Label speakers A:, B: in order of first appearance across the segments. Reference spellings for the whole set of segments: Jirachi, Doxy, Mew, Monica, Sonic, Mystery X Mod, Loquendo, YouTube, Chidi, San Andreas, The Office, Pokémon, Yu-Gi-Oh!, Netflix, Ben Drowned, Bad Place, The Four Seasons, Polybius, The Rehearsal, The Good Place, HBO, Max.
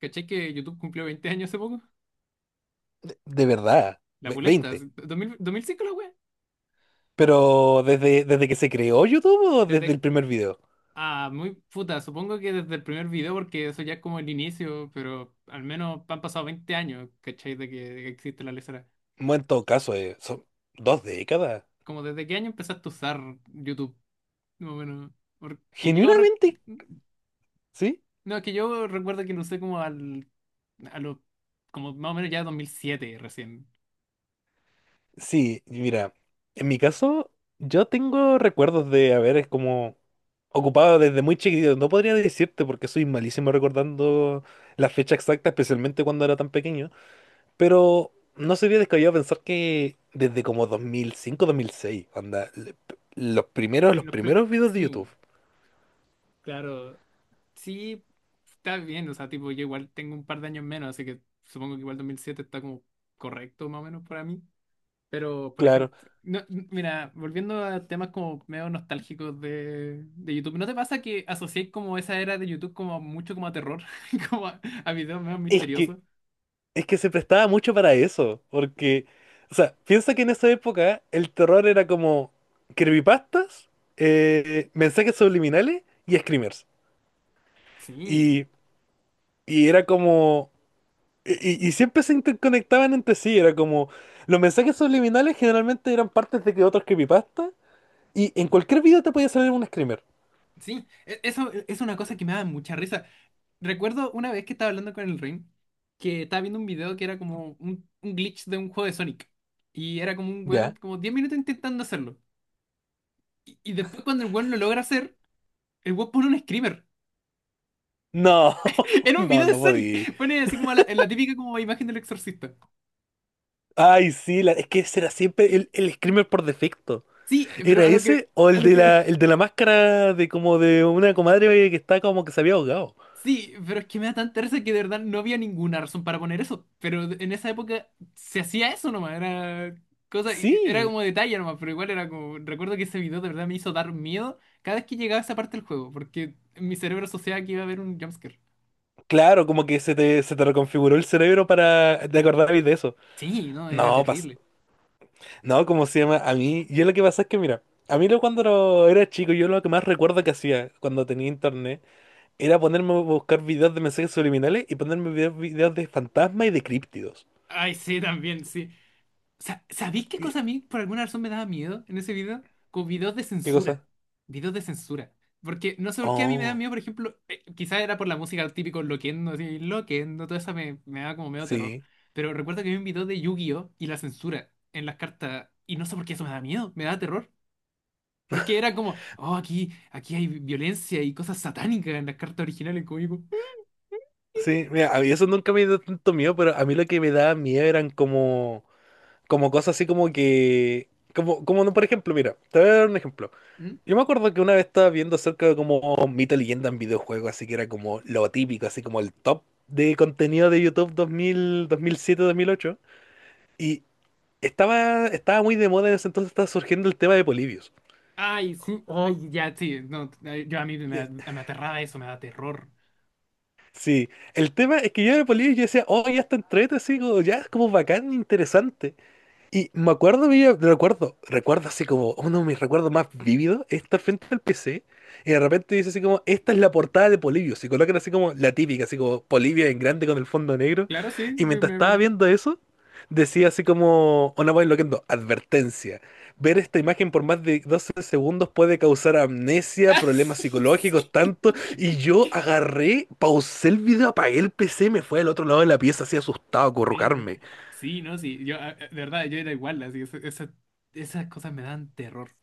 A: ¿Cachai que YouTube cumplió 20 años hace poco?
B: De verdad,
A: La pulenta,
B: 20.
A: así, 2000 2005 la wea.
B: Pero desde que se creó YouTube o desde el
A: Desde,
B: primer video.
A: ah, muy puta, supongo que desde el primer video, porque eso ya es como el inicio, pero al menos han pasado 20 años, ¿cachai? De que existe la lesera.
B: Bueno, en todo caso, son 2 décadas.
A: Como desde qué año empezaste a usar YouTube, más o menos. Porque yo,
B: Genuinamente, ¿sí?
A: no, es que yo recuerdo que lo usé como al, a los, como más o menos ya 2007 recién.
B: Sí, mira, en mi caso, yo tengo recuerdos de haber es como ocupado desde muy chiquitito. No podría decirte porque soy malísimo recordando la fecha exacta, especialmente cuando era tan pequeño. Pero no sería descabellado pensar que desde como dos mil cinco 2006 anda, los primeros, los primeros videos de
A: Sí,
B: YouTube.
A: claro. Sí, está bien, o sea, tipo, yo igual tengo un par de años menos, así que supongo que igual 2007 está como correcto más o menos para mí. Pero, por
B: Claro,
A: ejemplo, no, mira, volviendo a temas como medio nostálgicos de YouTube, ¿no te pasa que asociáis como esa era de YouTube como mucho como a terror, como a videos medio
B: es que,
A: misteriosos?
B: es que se prestaba mucho para eso, porque, o sea, piensa que en esa época el terror era como creepypastas, mensajes subliminales y screamers.
A: Sí,
B: Y, y era como, y siempre se interconectaban entre sí, era como, los mensajes subliminales generalmente eran partes de que otros creepypastas, y en cualquier video te podía salir un screamer.
A: sí, eso es una cosa que me da mucha risa. Recuerdo una vez que estaba hablando con el Rin, que estaba viendo un video que era como un glitch de un juego de Sonic. Y era como un weón,
B: ¿Ya?
A: como 10 minutos intentando hacerlo. Y después cuando el weón lo logra hacer, el weón pone un screamer.
B: No,
A: Era un
B: no,
A: video de
B: no podía.
A: Sonic. Pone así como la típica como imagen del exorcista.
B: Ay, sí, es que ese era siempre el screamer por defecto.
A: Sí, pero
B: ¿Era
A: a lo que,
B: ese o
A: a
B: el
A: lo
B: de
A: que
B: la, el de la máscara de como de una comadre que está como que se había ahogado?
A: sí, pero es que me da tanta risa que de verdad no había ninguna razón para poner eso. Pero en esa época se hacía eso nomás, era cosa, era
B: Sí,
A: como detalle nomás, pero igual era como, recuerdo que ese video de verdad me hizo dar miedo cada vez que llegaba a esa parte del juego, porque mi cerebro asociaba que iba a haber un jumpscare.
B: claro, como que se te reconfiguró el cerebro para te acordabas de eso.
A: Sí, no, era
B: No,
A: terrible.
B: no, ¿cómo se llama? A mí, yo lo que pasa es que, mira, a mí lo, cuando lo- era chico, yo lo que más recuerdo que hacía cuando tenía internet era ponerme a buscar videos de mensajes subliminales y ponerme videos de fantasmas y de críptidos.
A: Ay, sí, también, sí. ¿Sabéis qué
B: Y-
A: cosa a mí por alguna razón me daba miedo en ese video? Como videos de
B: ¿Qué
A: censura.
B: cosa?
A: Videos de censura. Porque no sé por qué a mí me da
B: Oh,
A: miedo, por ejemplo, quizás era por la música típico Loquendo, así, Loquendo, toda esa me daba como medio terror.
B: sí.
A: Pero recuerdo que vi un video de Yu-Gi-Oh! Y la censura en las cartas, y no sé por qué eso me da miedo, me da terror. Porque era como, oh, aquí hay violencia y cosas satánicas en las cartas originales, como digo,
B: Sí, mira, a mí eso nunca me dio tanto miedo, pero a mí lo que me daba miedo eran como, como cosas así como que, como no, por ejemplo, mira, te voy a dar un ejemplo.
A: ¿mm?
B: Yo me acuerdo que una vez estaba viendo acerca de como mito, leyenda en videojuegos, así que era como lo típico, así como el top de contenido de YouTube 2000, 2007, 2008, y estaba muy de moda en ese entonces, estaba surgiendo el tema de Polybius.
A: Ay, sí, ay, ya, sí, no, ay, yo a mí me,
B: Ya,
A: me aterraba eso, me da terror.
B: sí, el tema es que yo de Polybius yo decía, oh, ya está entrete, así como, ya es como bacán, interesante. Y me acuerdo, recuerdo así como uno de mis recuerdos más vívidos es estar frente al PC y de repente dice así como, esta es la portada de Polibio. Se colocan así como la típica, así como Polibio en grande con el fondo negro.
A: Claro, sí,
B: Y
A: que
B: mientras
A: me
B: estaba
A: acuerdo.
B: viendo eso, decía así como, una voz enloquendo, advertencia. Ver esta imagen por más de 12 segundos puede causar amnesia,
A: Ah,
B: problemas
A: sí,
B: psicológicos,
A: sí.
B: tanto. Y yo agarré, pausé el video, apagué el PC, me fui al otro lado de la pieza así asustado a
A: Sí, no.
B: currucarme.
A: Sí, no, sí. Yo, de verdad, yo era igual, así, esas cosas me dan terror.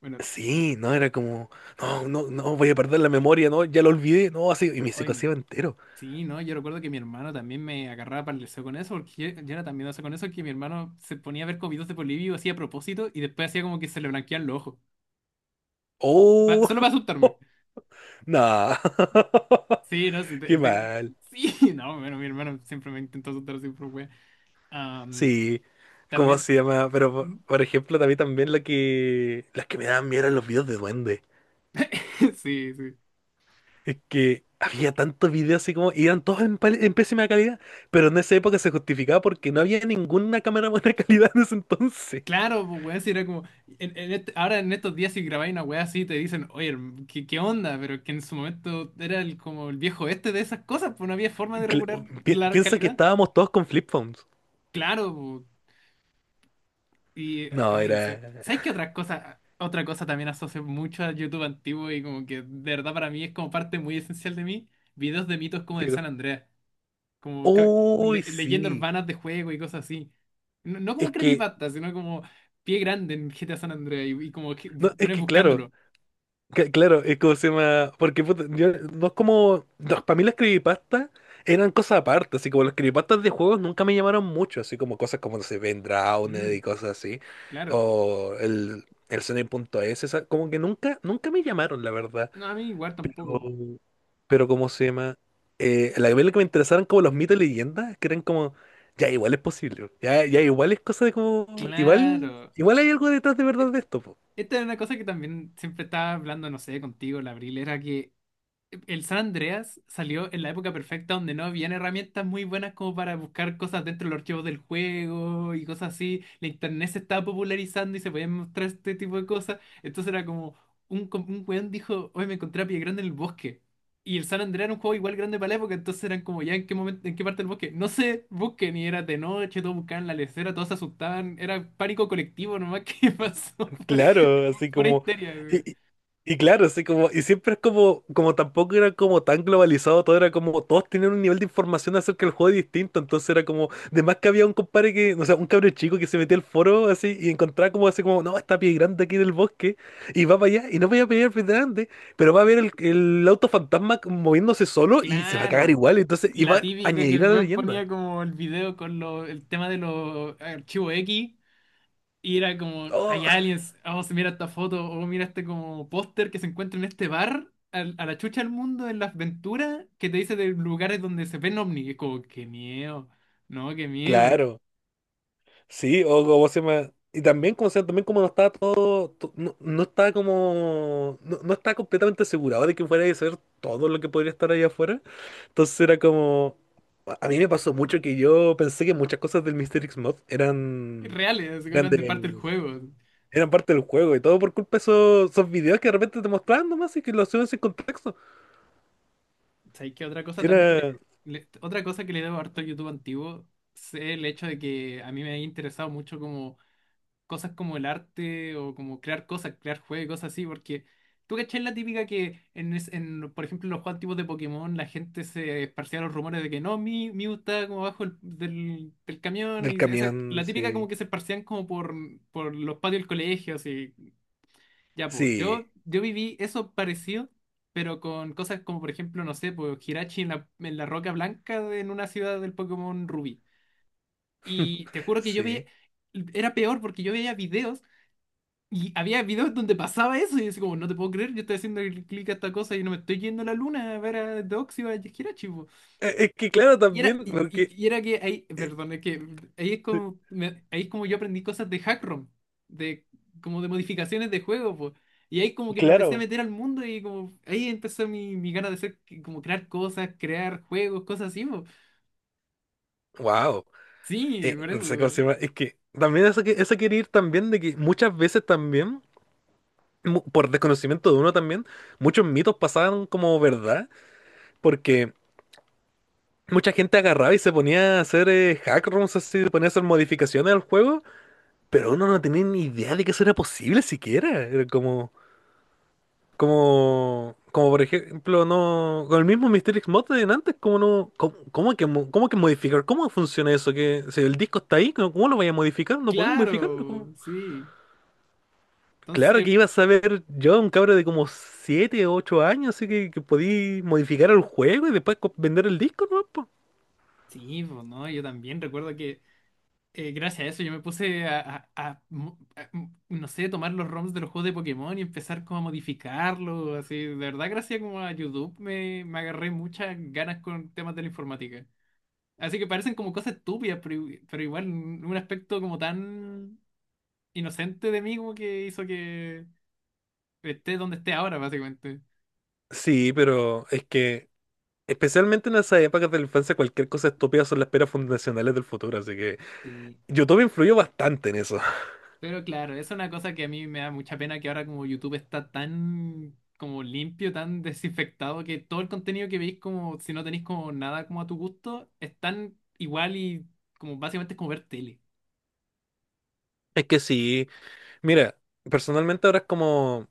A: Bueno,
B: Sí, no, era como, no, no, no, voy a perder la memoria, no, ya lo olvidé, no, así, y me se
A: hoy mi.
B: entero.
A: Sí, no, yo recuerdo que mi hermano también me agarraba para el deseo con eso, porque yo, era tan miedoso con eso que mi hermano se ponía a ver comidos de Polivio, hacía a propósito y después hacía como que se le blanqueaban los ojos.
B: Oh,
A: Solo para asustarme.
B: no,
A: Sí, no, sí,
B: qué mal.
A: sí, no, bueno, mi hermano siempre me intentó asustar, siempre fue. Am,
B: Sí, ¿cómo
A: también.
B: se llama? Pero, por por ejemplo, también las que me daban miedo eran los videos de duende.
A: Sí, sí.
B: Es que había tantos videos así como, y eran todos en pésima calidad, pero en esa época se justificaba porque no había ninguna cámara buena calidad en ese entonces.
A: Claro, pues weón, si era como, ahora en estos días si grabáis una weá así te dicen, oye, ¿qué, qué onda? Pero es que en su momento era el, como el viejo este de esas cosas, pues no había forma de
B: Cla-
A: regular la
B: Piensa que
A: calidad.
B: estábamos todos con flip phones.
A: Claro, pues, y,
B: No,
A: ay, en
B: era...
A: serio. ¿Sabes qué otra cosa? Otra cosa también asocio mucho a YouTube antiguo y como que de verdad para mí es como parte muy esencial de mí, videos de mitos como del San Andreas. Como
B: Uy,
A: leyendas
B: sí.
A: urbanas de juego y cosas así. No, no
B: Es
A: como
B: que,
A: creepypasta, sino como pie grande en GTA San Andreas y como que
B: no, es
A: bueno,
B: que claro,
A: buscándolo.
B: claro, es como se llama. Porque puta, no es como. No, para mí las creepypastas eran cosas aparte. Así como las creepypastas de juegos nunca me llamaron mucho. Así como cosas como, no sé, Ben Drowned
A: Mm,
B: y cosas así.
A: claro.
B: O el Sonic punto es como que nunca, me llamaron, la verdad.
A: No, a mí igual tampoco.
B: Pero ¿cómo se llama? La que me interesaron como los mitos y leyendas, que eran como, ya igual es posible, ya igual es cosa de como, igual,
A: Claro.
B: igual hay algo detrás de
A: E-
B: verdad de esto.
A: Esta es una cosa que también siempre estaba hablando, no sé, contigo, la Abril, era que el San Andreas salió en la época perfecta donde no habían herramientas muy buenas como para buscar cosas dentro de los archivos del juego y cosas así. La internet se estaba popularizando y se podían mostrar este tipo de cosas. Entonces era como un, un weón dijo, hoy me encontré a Pie Grande en el bosque. Y el San Andreas era un juego igual grande para la época, entonces eran como ya en qué momento, en qué parte del bosque. No sé, busquen y era de noche, todos buscaban la lecera, todos se asustaban, era pánico colectivo nomás que pasó
B: Claro, así
A: por
B: como,
A: histeria.
B: y, y- y claro, así como, y siempre es como, como tampoco era como tan globalizado todo, era como todos tenían un nivel de información acerca del juego distinto, entonces era como, de más que había un compadre que, o sea, un cabro chico que se metía al foro así y encontraba como así como, no, está pie grande aquí en el bosque, y va para allá, y no voy a pelear pie grande, pero va a ver el, auto fantasma moviéndose solo y se va a cagar
A: Claro.
B: igual, entonces,
A: Y
B: y
A: la
B: va a
A: típica que el
B: añadir a la
A: web
B: leyenda.
A: ponía como el video con lo, el tema de los archivos X y era como,
B: Oh,
A: hay aliens, vamos mira esta foto, o mira este como póster que se encuentra en este bar, a, la chucha del mundo, en las aventuras, que te dice de lugares donde se ven ovnis. Y es como, qué miedo, no, qué miedo.
B: claro. Sí, o como se llama. Y también como, se llama, también como no estaba todo, no estaba como, no estaba completamente asegurado de que fuera a ser todo lo que podría estar ahí afuera. Entonces era como, a mí me pasó mucho que yo pensé que muchas cosas del Mystery X Mod
A: Y reales, así que
B: eran
A: eran de parte del
B: de,
A: juego.
B: eran parte del juego y todo por culpa de esos videos que de repente te mostraban nomás y que lo hacían sin contexto.
A: ¿Sabes qué? Otra cosa también,
B: Era
A: otra cosa que le debo harto al YouTube antiguo, es el hecho de que a mí me ha interesado mucho como cosas como el arte o como crear cosas, crear juegos, cosas así, porque tú cachai la típica que en, en, por ejemplo, los juegos antiguos de Pokémon la gente se esparcía los rumores de que no, mi Mew está como abajo del camión
B: del
A: y esa,
B: camión,
A: la típica como
B: sí,
A: que se esparcían como por los patios del colegio, así. Ya, pues,
B: sí,
A: yo, viví eso parecido. Pero con cosas como, por ejemplo, no sé, pues Hirachi en la Roca Blanca en una ciudad del Pokémon Rubí. Y te juro que yo veía,
B: sí.
A: era peor porque yo veía videos y había videos donde pasaba eso y yo así como, no te puedo creer, yo estoy haciendo el clic a esta cosa y no me estoy yendo a la luna a ver a Doxy o a Jirachi, po".
B: Es que claro,
A: Y era,
B: también,
A: y, y-
B: porque,
A: y era que ahí, perdón, es que ahí es como, ahí es como yo aprendí cosas de hackrom, de como de modificaciones de juego, po. Y ahí como que me empecé a
B: claro,
A: meter al mundo y como ahí empezó mi gana de hacer, como crear cosas, crear juegos, cosas así, po.
B: wow.
A: Sí, por
B: No sé cómo se
A: eso.
B: llama. Es que también eso, eso quiere ir también de que muchas veces también, por desconocimiento de uno también, muchos mitos pasaban como verdad, porque mucha gente agarraba y se ponía a hacer hack rooms así, se ponía a hacer modificaciones al juego, pero uno no tenía ni idea de que eso era posible siquiera. Era como por ejemplo, no, con el mismo Mystery X Mod de antes, como no, cómo que, cómo que modificar, cómo funciona eso, que si el disco está ahí, ¿cómo lo vaya a modificar? No podéis modificarlo, ¿cómo?
A: Claro, sí.
B: Claro
A: Entonces,
B: que ibas a ver yo, un cabro de como 7 o 8 años, así que podí modificar el juego y después vender el disco, ¿no? po?
A: sí, pues no, yo también recuerdo que gracias a eso yo me puse a mo- a- m- no sé, tomar los ROMs de los juegos de Pokémon y empezar como a modificarlos, así. De verdad, gracias como a YouTube me agarré muchas ganas con temas de la informática. Así que parecen como cosas estúpidas, pero, pero igual un aspecto como tan inocente de mí como que hizo que esté donde esté ahora, básicamente.
B: Sí, pero es que especialmente en esas épocas de la infancia cualquier cosa estúpida son las peras fundacionales del futuro, así que
A: Sí.
B: YouTube influyó bastante en eso.
A: Pero claro, es una cosa que a mí me da mucha pena que ahora como YouTube está tan como limpio, tan desinfectado, que todo el contenido que veis como si no tenéis como nada como a tu gusto, es tan igual y como básicamente es como ver tele.
B: Es que sí, mira, personalmente ahora es como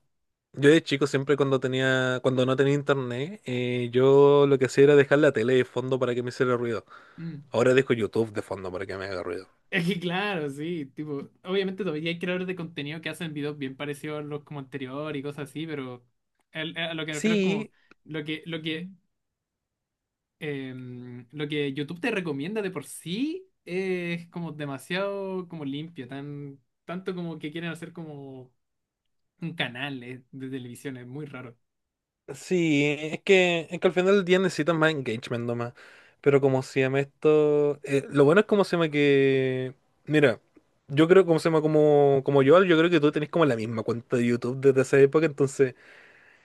B: yo de chico siempre cuando tenía, cuando no tenía internet, yo lo que hacía era dejar la tele de fondo para que me hiciera ruido.
A: Mm.
B: Ahora dejo YouTube de fondo para que me haga ruido.
A: Es que claro, sí, tipo, obviamente todavía hay creadores de contenido que hacen videos bien parecidos a los como anterior y cosas así, pero a lo que me refiero es como
B: Sí,
A: lo que, lo que lo que YouTube te recomienda de por sí es como demasiado como limpio, tan, tanto como que quieren hacer como un canal de televisión, es muy raro.
B: sí, es que al final del día necesitas más engagement nomás. Pero como se llama esto. Lo bueno es como se llama que. Mira, yo creo como se llama como, como yo creo que tú tenés como la misma cuenta de YouTube desde esa época. Entonces,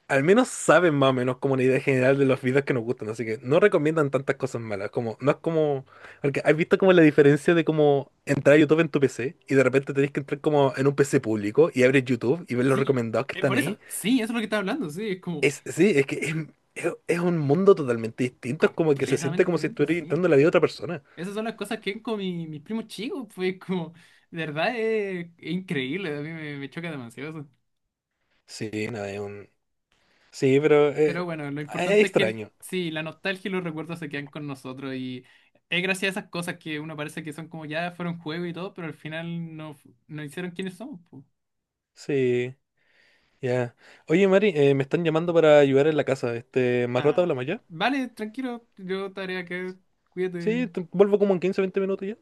B: al menos saben más o menos como una idea general de los videos que nos gustan. Así que no recomiendan tantas cosas malas. Como, no es como. Porque has visto como la diferencia de como entrar a YouTube en tu PC y de repente tenés que entrar como en un PC público y abres YouTube y ves los
A: Sí,
B: recomendados que están
A: por
B: ahí.
A: eso, sí, eso es lo que estaba hablando, sí, es como
B: Sí, es que es un mundo totalmente distinto, es como que se siente
A: completamente
B: como si
A: diferente,
B: estuvieras
A: sí.
B: intentando la vida de otra persona.
A: Esas son las cosas que ven con mi, mis primos chicos, pues como, de verdad es increíble, a mí me, choca demasiado eso.
B: Sí, no, es un... Sí, pero
A: Pero bueno, lo
B: es
A: importante es que
B: extraño.
A: sí, la nostalgia y los recuerdos se quedan con nosotros y es gracias a esas cosas que uno parece que son como ya fueron juego y todo, pero al final no, no hicieron quiénes somos. Po.
B: Sí, ya. Oye, Mari, me están llamando para ayudar en la casa. Este, ¿más rato
A: Ah,
B: hablamos ya?
A: vale, tranquilo, yo tarea que cuídate.
B: Sí, vuelvo como en 15, 20 minutos ya.